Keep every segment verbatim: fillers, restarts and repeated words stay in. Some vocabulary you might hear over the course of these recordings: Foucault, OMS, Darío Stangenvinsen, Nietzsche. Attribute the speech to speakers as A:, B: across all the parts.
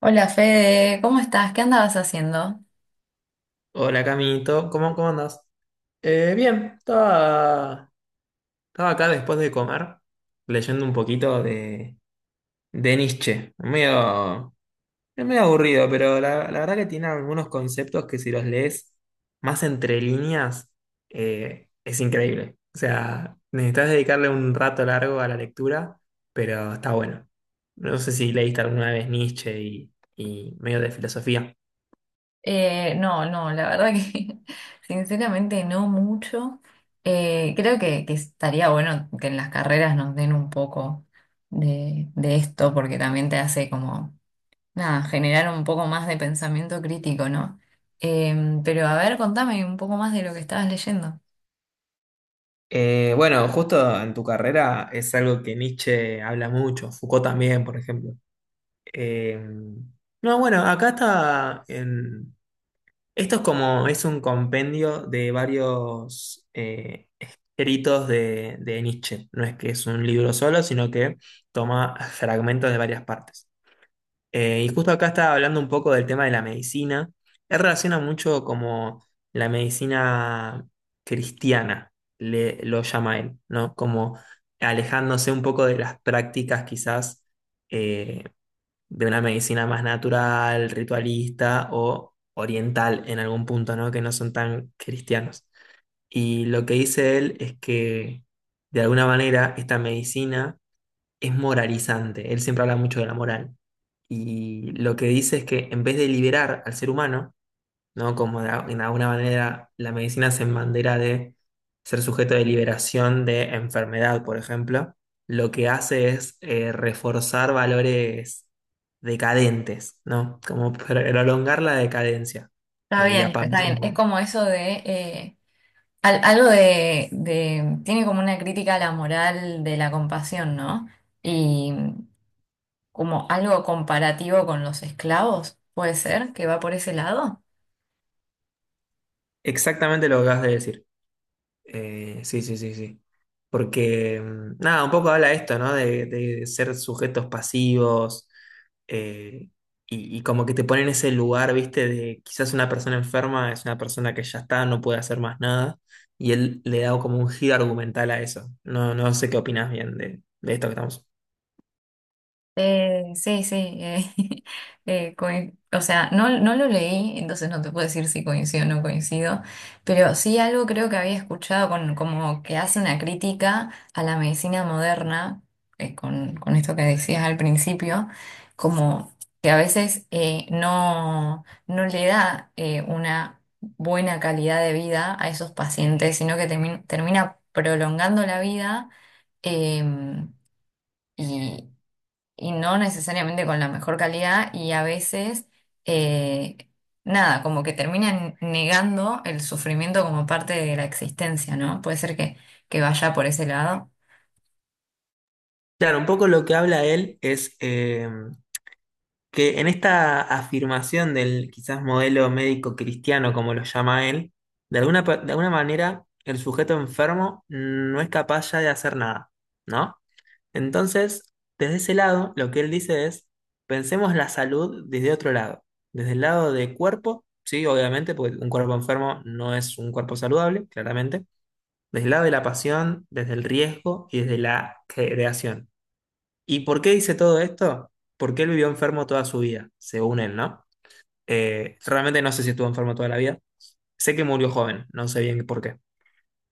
A: Hola Fede, ¿cómo estás? ¿Qué andabas haciendo?
B: Hola Camito, ¿cómo, cómo andas? Eh, bien, estaba, estaba acá después de comer, leyendo un poquito de, de Nietzsche. Medio, es medio aburrido, pero la, la verdad que tiene algunos conceptos que si los lees más entre líneas, eh, es increíble. O sea, necesitas dedicarle un rato largo a la lectura, pero está bueno. No sé si leíste alguna vez Nietzsche y, y medio de filosofía.
A: Eh, no, no, la verdad que sinceramente no mucho. Eh, creo que, que estaría bueno que en las carreras nos den un poco de, de esto porque también te hace como, nada, generar un poco más de pensamiento crítico, ¿no? Em, pero a ver, contame un poco más de lo que estabas leyendo.
B: Eh, bueno, justo en tu carrera es algo que Nietzsche habla mucho, Foucault también, por ejemplo. Eh, no, bueno, acá está en- esto es como, es un compendio de varios eh, escritos de, de Nietzsche. No es que es un libro solo, sino que toma fragmentos de varias partes. Eh, y justo acá estaba hablando un poco del tema de la medicina. Él relaciona mucho como la medicina cristiana, le, lo llama él, ¿no? Como alejándose un poco de las prácticas quizás eh, de una medicina más natural, ritualista o oriental en algún punto, ¿no? Que no son tan cristianos. Y lo que dice él es que de alguna manera esta medicina es moralizante. Él siempre habla mucho de la moral. Y lo que dice es que en vez de liberar al ser humano, ¿no? Como de, a- en alguna manera la medicina se embandera de ser sujeto de liberación de enfermedad, por ejemplo, lo que hace es eh, reforzar valores decadentes, ¿no? Como prolongar la decadencia
A: Está
B: eh, y
A: bien,
B: apagar
A: está bien. Es
B: como-
A: como eso de... eh, Al- algo de, de- Tiene como una crítica a la moral de la compasión, ¿no? Y como algo comparativo con los esclavos, puede ser que va por ese lado.
B: exactamente lo que acabas de decir. Eh, sí, sí, sí, sí. Porque, mm, nada, un poco habla esto, ¿no? De, de ser sujetos pasivos eh, y, y como que te ponen en ese lugar, ¿viste? De quizás una persona enferma es una persona que ya está, no puede hacer más nada. Y él le da como un giro argumental a eso. No, no sé qué opinas bien de, de esto que estamos.
A: Eh, sí, sí, eh, eh, coin- o sea, no, no lo leí, entonces no te puedo decir si coincido o no coincido, pero sí algo creo que había escuchado con, como que hace una crítica a la medicina moderna, eh, con, con esto que decías al principio, como que a veces eh, no, no le da eh, una buena calidad de vida a esos pacientes, sino que termi- termina prolongando la vida. em, y, y no necesariamente con la mejor calidad y a veces, eh, nada, como que terminan negando el sufrimiento como parte de la existencia, ¿no? Puede ser que, que vaya por ese lado.
B: Claro, un poco lo que habla él es em, que en esta afirmación del quizás modelo médico cristiano, como lo llama él, de alguna, pa- de alguna manera el sujeto enfermo no es capaz ya de hacer nada, ¿no? Entonces, desde ese lado, lo que él dice es, pensemos la salud desde otro lado, desde el lado del cuerpo, sí, obviamente, porque un cuerpo enfermo no es un cuerpo saludable, claramente, desde el lado de la pasión, desde el riesgo y desde la creación. ¿Y por qué dice todo esto? Porque él vivió enfermo toda su vida, según él, ¿no? Eh, realmente no sé si estuvo enfermo toda la vida. Sé que murió joven, no sé bien por qué.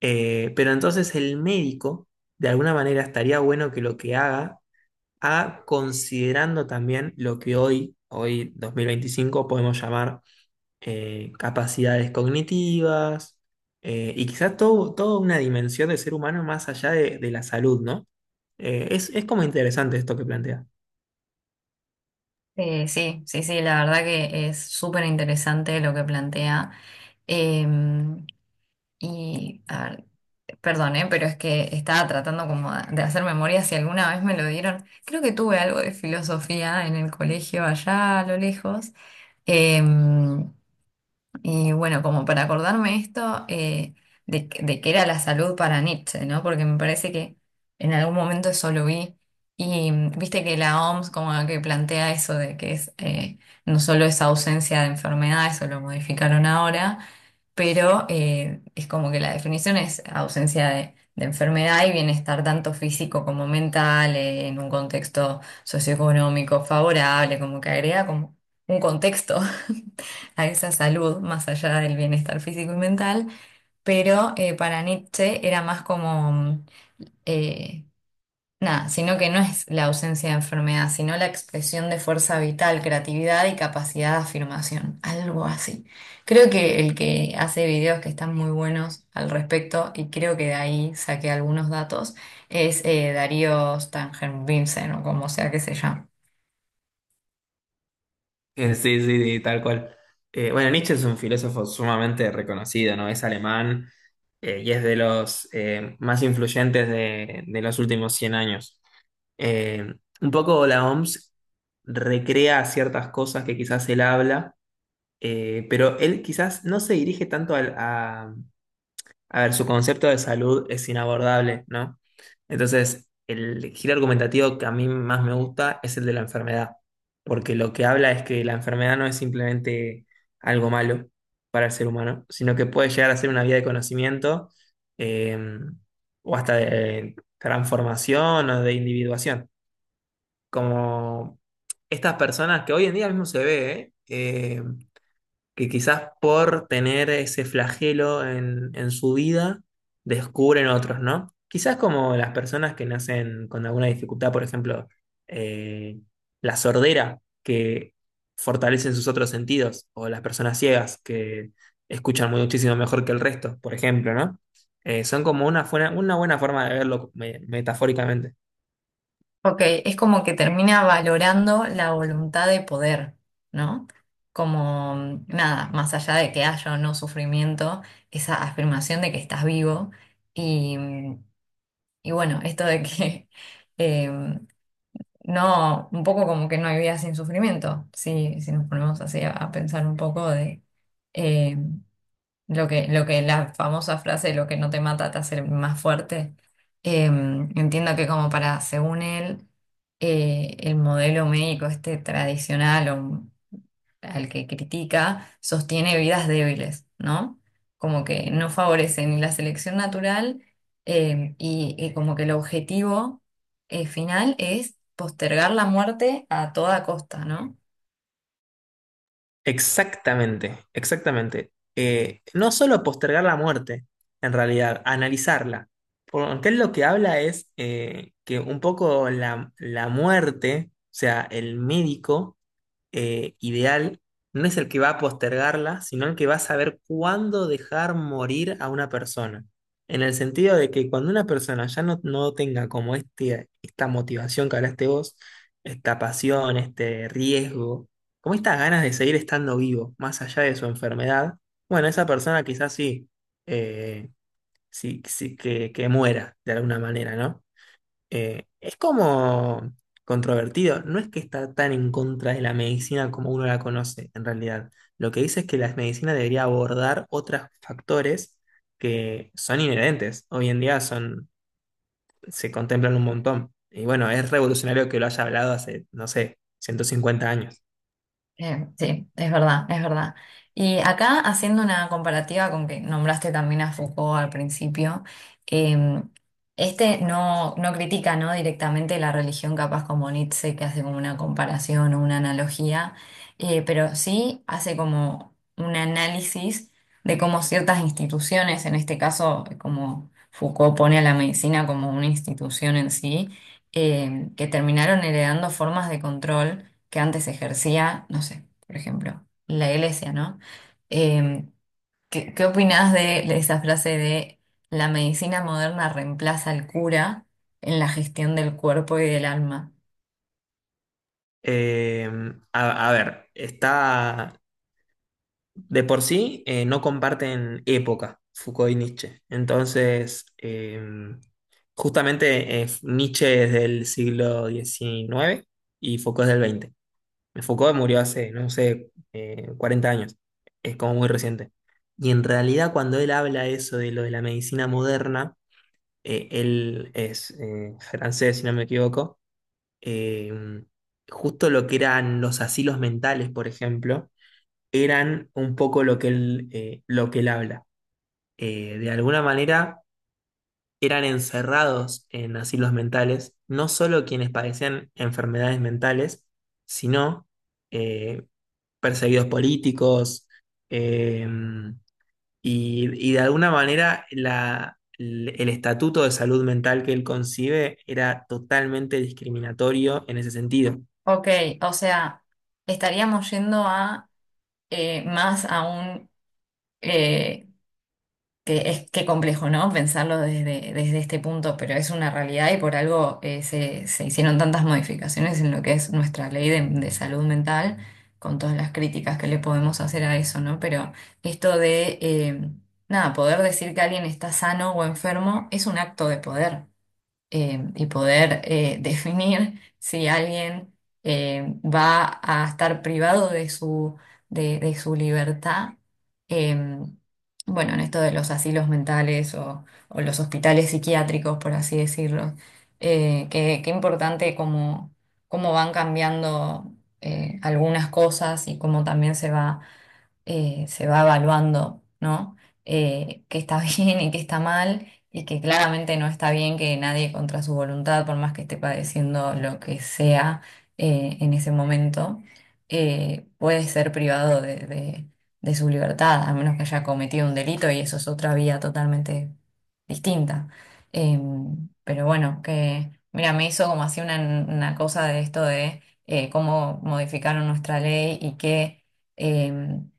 B: Eh, pero entonces el médico, de alguna manera, estaría bueno que lo que haga, haga considerando también lo que hoy, hoy dos mil veinticinco podemos llamar eh, capacidades cognitivas eh, y quizás todo, toda una dimensión del ser humano más allá de, de la salud, ¿no? Eh, es, es como interesante esto que plantea.
A: Eh, sí, sí, sí, la verdad que es súper interesante lo que plantea. Eh, y, a ver, perdón, eh, pero es que estaba tratando como de hacer memoria si alguna vez me lo dieron. Creo que tuve algo de filosofía en el colegio allá a lo lejos. Eh, Y bueno, como para acordarme esto, eh, de, que- de qué era la salud para Nietzsche, ¿no? Porque me parece que en algún momento eso lo vi. Y mm, viste que la O M S como que plantea eso de que es eh, no solo es ausencia de enfermedad, eso lo modificaron ahora, pero eh, es como que la definición es ausencia de, de enfermedad y bienestar tanto físico como mental, eh, en un contexto socioeconómico favorable, como que agrega como un contexto a esa salud, más allá del bienestar físico y mental, pero eh, para Nietzsche era más como, mm, eh, nada, sino que no es la ausencia de enfermedad, sino la expresión de fuerza vital, creatividad y capacidad de afirmación, algo así. Creo que el que hace videos que están muy buenos al respecto, y creo que de ahí saqué algunos datos, es eh, Darío Stangenvinsen, o como sea que se llame.
B: Eh, sí, sí, sí, tal cual. Eh, bueno, Nietzsche es un filósofo sumamente reconocido, ¿no? Es alemán eh, y es de los eh, más influyentes de, de los últimos cien años. Eh, un poco la O M S recrea ciertas cosas que quizás él habla, eh, pero él quizás no se dirige tanto al- a, a ver, su concepto de salud es inabordable, ¿no? Entonces, el giro argumentativo que a mí más me gusta es el de la enfermedad, porque lo que habla es que la enfermedad no es simplemente algo malo para el ser humano, sino que puede llegar a ser una vía de conocimiento eh, o hasta de transformación o de individuación. Como estas personas que hoy en día mismo se ve, ¿eh? Eh, que quizás por tener ese flagelo en, en su vida, descubren otros, ¿no? Quizás como las personas que nacen con alguna dificultad, por ejemplo, eh, la sordera, que fortalecen sus otros sentidos, o las personas ciegas, que escuchan muchísimo mejor que el resto, por ejemplo, ¿no? Eh, son como una, fuera- una buena forma de verlo me- metafóricamente.
A: Ok, es como que termina valorando la voluntad de poder, ¿no? Como mm, nada, más allá de que haya o no sufrimiento, esa afirmación de que estás vivo y, mm, y bueno, esto de que eh, no, un poco como que no hay vida sin sufrimiento, si, si nos ponemos así a, a pensar un poco de, em, lo que, lo que la famosa frase, lo que no te mata te hace más fuerte. Eh, entiendo que como para, según él, eh, el modelo médico este tradicional o al que critica, sostiene vidas débiles, ¿no? Como que no favorece ni la selección natural eh, y, y como que el objetivo eh, final es postergar la muerte a toda costa, ¿no?
B: Exactamente, exactamente. Eh, no solo postergar la muerte, en realidad, analizarla. Porque él lo que habla es eh, que un poco la, la muerte, o sea, el médico, eh, ideal no es el que va a postergarla, sino el que va a saber cuándo dejar morir a una persona. En el sentido de que cuando una persona ya no, no tenga como este, esta motivación que hablaste vos, esta pasión, este riesgo, como estas ganas de seguir estando vivo, más allá de su enfermedad, bueno, esa persona quizás sí, eh, sí, sí que, que muera de alguna manera, ¿no? eh, es como controvertido. No es que está tan en contra de la medicina como uno la conoce, en realidad. Lo que dice es que la medicina debería abordar otros factores que son inherentes. Hoy en día son, se contemplan un montón. Y bueno, es revolucionario que lo haya hablado hace, no sé, ciento cincuenta años.
A: Eh, sí, es verdad, es verdad. Y acá haciendo una comparativa con que nombraste también a Foucault al principio, eh, este no, no critica, ¿no? Directamente la religión, capaz como Nietzsche, que hace como una comparación o una analogía, eh, pero sí hace como un análisis de cómo ciertas instituciones, en este caso, como Foucault pone a la medicina como una institución en sí, eh, que terminaron heredando formas de control que antes ejercía, no sé, por ejemplo, la iglesia, ¿no? Eh, ¿qué, qué opinás de esa frase de la medicina moderna reemplaza al cura en la gestión del cuerpo y del alma?
B: Eh, a, a ver, está. De por sí eh, no comparten época, Foucault y Nietzsche. Entonces, eh, justamente eh, Nietzsche es del siglo diecinueve y Foucault es del veinte. Foucault murió hace, no sé, eh, cuarenta años, es como muy reciente. Y en realidad cuando él habla eso de lo de la medicina moderna, eh, él es eh, francés, si no me equivoco, eh, justo lo que eran los asilos mentales, por ejemplo, eran un poco lo que él, eh, lo que él habla. Eh, de alguna manera eran encerrados en asilos mentales, no solo quienes padecían enfermedades mentales, sino eh, perseguidos políticos eh, y, y de alguna manera la- el el estatuto de salud mental que él concibe era totalmente discriminatorio en ese sentido.
A: Ok, o sea, estaríamos yendo a eh, más a un eh, que es qué complejo, ¿no? Pensarlo desde, desde este punto, pero es una realidad y por algo eh, se, se hicieron tantas modificaciones en lo que es nuestra ley de, de salud mental, con todas las críticas que le podemos hacer a eso, ¿no? Pero esto de, eh, nada, poder decir que alguien está sano o enfermo es un acto de poder eh, y poder eh, definir si alguien eh, va a estar privado de su, de, de su libertad. eh, bueno, en esto de los asilos mentales o, o los hospitales psiquiátricos, por así decirlo, eh, qué, qué importante cómo, cómo van cambiando eh, algunas cosas y cómo también se va eh, se va evaluando, ¿no? Eh, qué está bien y qué está mal, y que claramente no está bien que nadie contra su voluntad, por más que esté padeciendo lo que sea eh, en ese momento, eh, puede ser privado de, de- de su libertad, a menos que haya cometido un delito, y eso es otra vía totalmente distinta. Em, pero bueno, que, mira, me hizo como así una, una cosa de esto de eh, cómo modificaron nuestra ley y que em,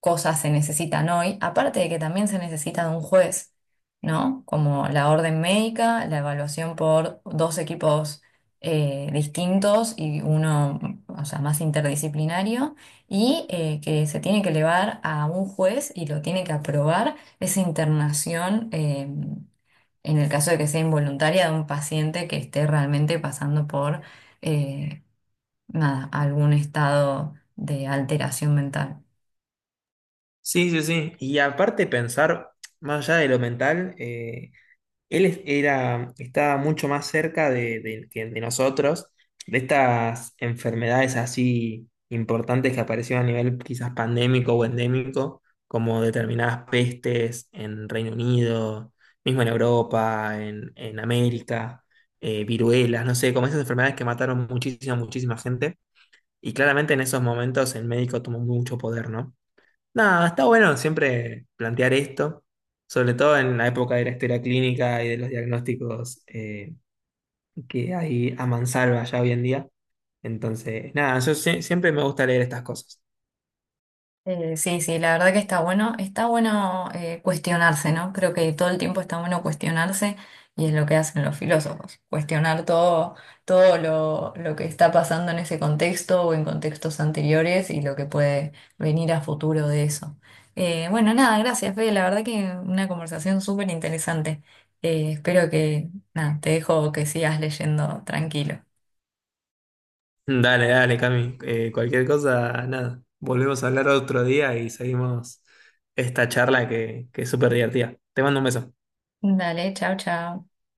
A: cosas se necesitan hoy, aparte de que también se necesita de un juez, ¿no? Como la orden médica, la evaluación por dos equipos eh, distintos y uno, o sea, más interdisciplinario, y eh, que se tiene que elevar a un juez y lo tiene que aprobar esa internación. Eh, en el caso de que sea involuntaria de un paciente que esté realmente pasando por eh, nada, algún estado de alteración mental.
B: Sí, sí, sí. Y aparte pensar, más allá de lo mental, eh, Él es- era, estaba mucho más cerca de, de- que de nosotros, de estas enfermedades así importantes que aparecieron a nivel quizás pandémico o endémico, como determinadas pestes en Reino Unido, mismo en Europa, en, en América, eh, viruelas, no sé, como esas enfermedades que mataron muchísima, muchísima gente. Y claramente en esos momentos el médico tomó mucho poder, ¿no? Nada, está bueno siempre plantear esto, sobre todo en la época de la historia clínica y de los diagnósticos eh, que hay a mansalva ya hoy en día. Entonces, nada, yo sie- siempre me gusta leer estas cosas.
A: Eh, sí, sí, la verdad que está bueno, está bueno eh, cuestionarse, ¿no? Creo que todo el tiempo está bueno cuestionarse y es lo que hacen los filósofos, cuestionar todo, todo lo, lo que está pasando en ese contexto o en contextos anteriores y lo que puede venir a futuro de eso. Eh, bueno, nada, gracias, Fede, la verdad que una conversación súper interesante. Eh, espero que, nada, te dejo que sigas leyendo tranquilo.
B: Dale, dale, Cami. Eh, cualquier cosa, nada. Volvemos a hablar otro día y seguimos esta charla que, que es súper divertida. Te mando un beso.
A: Dale, chao, chao.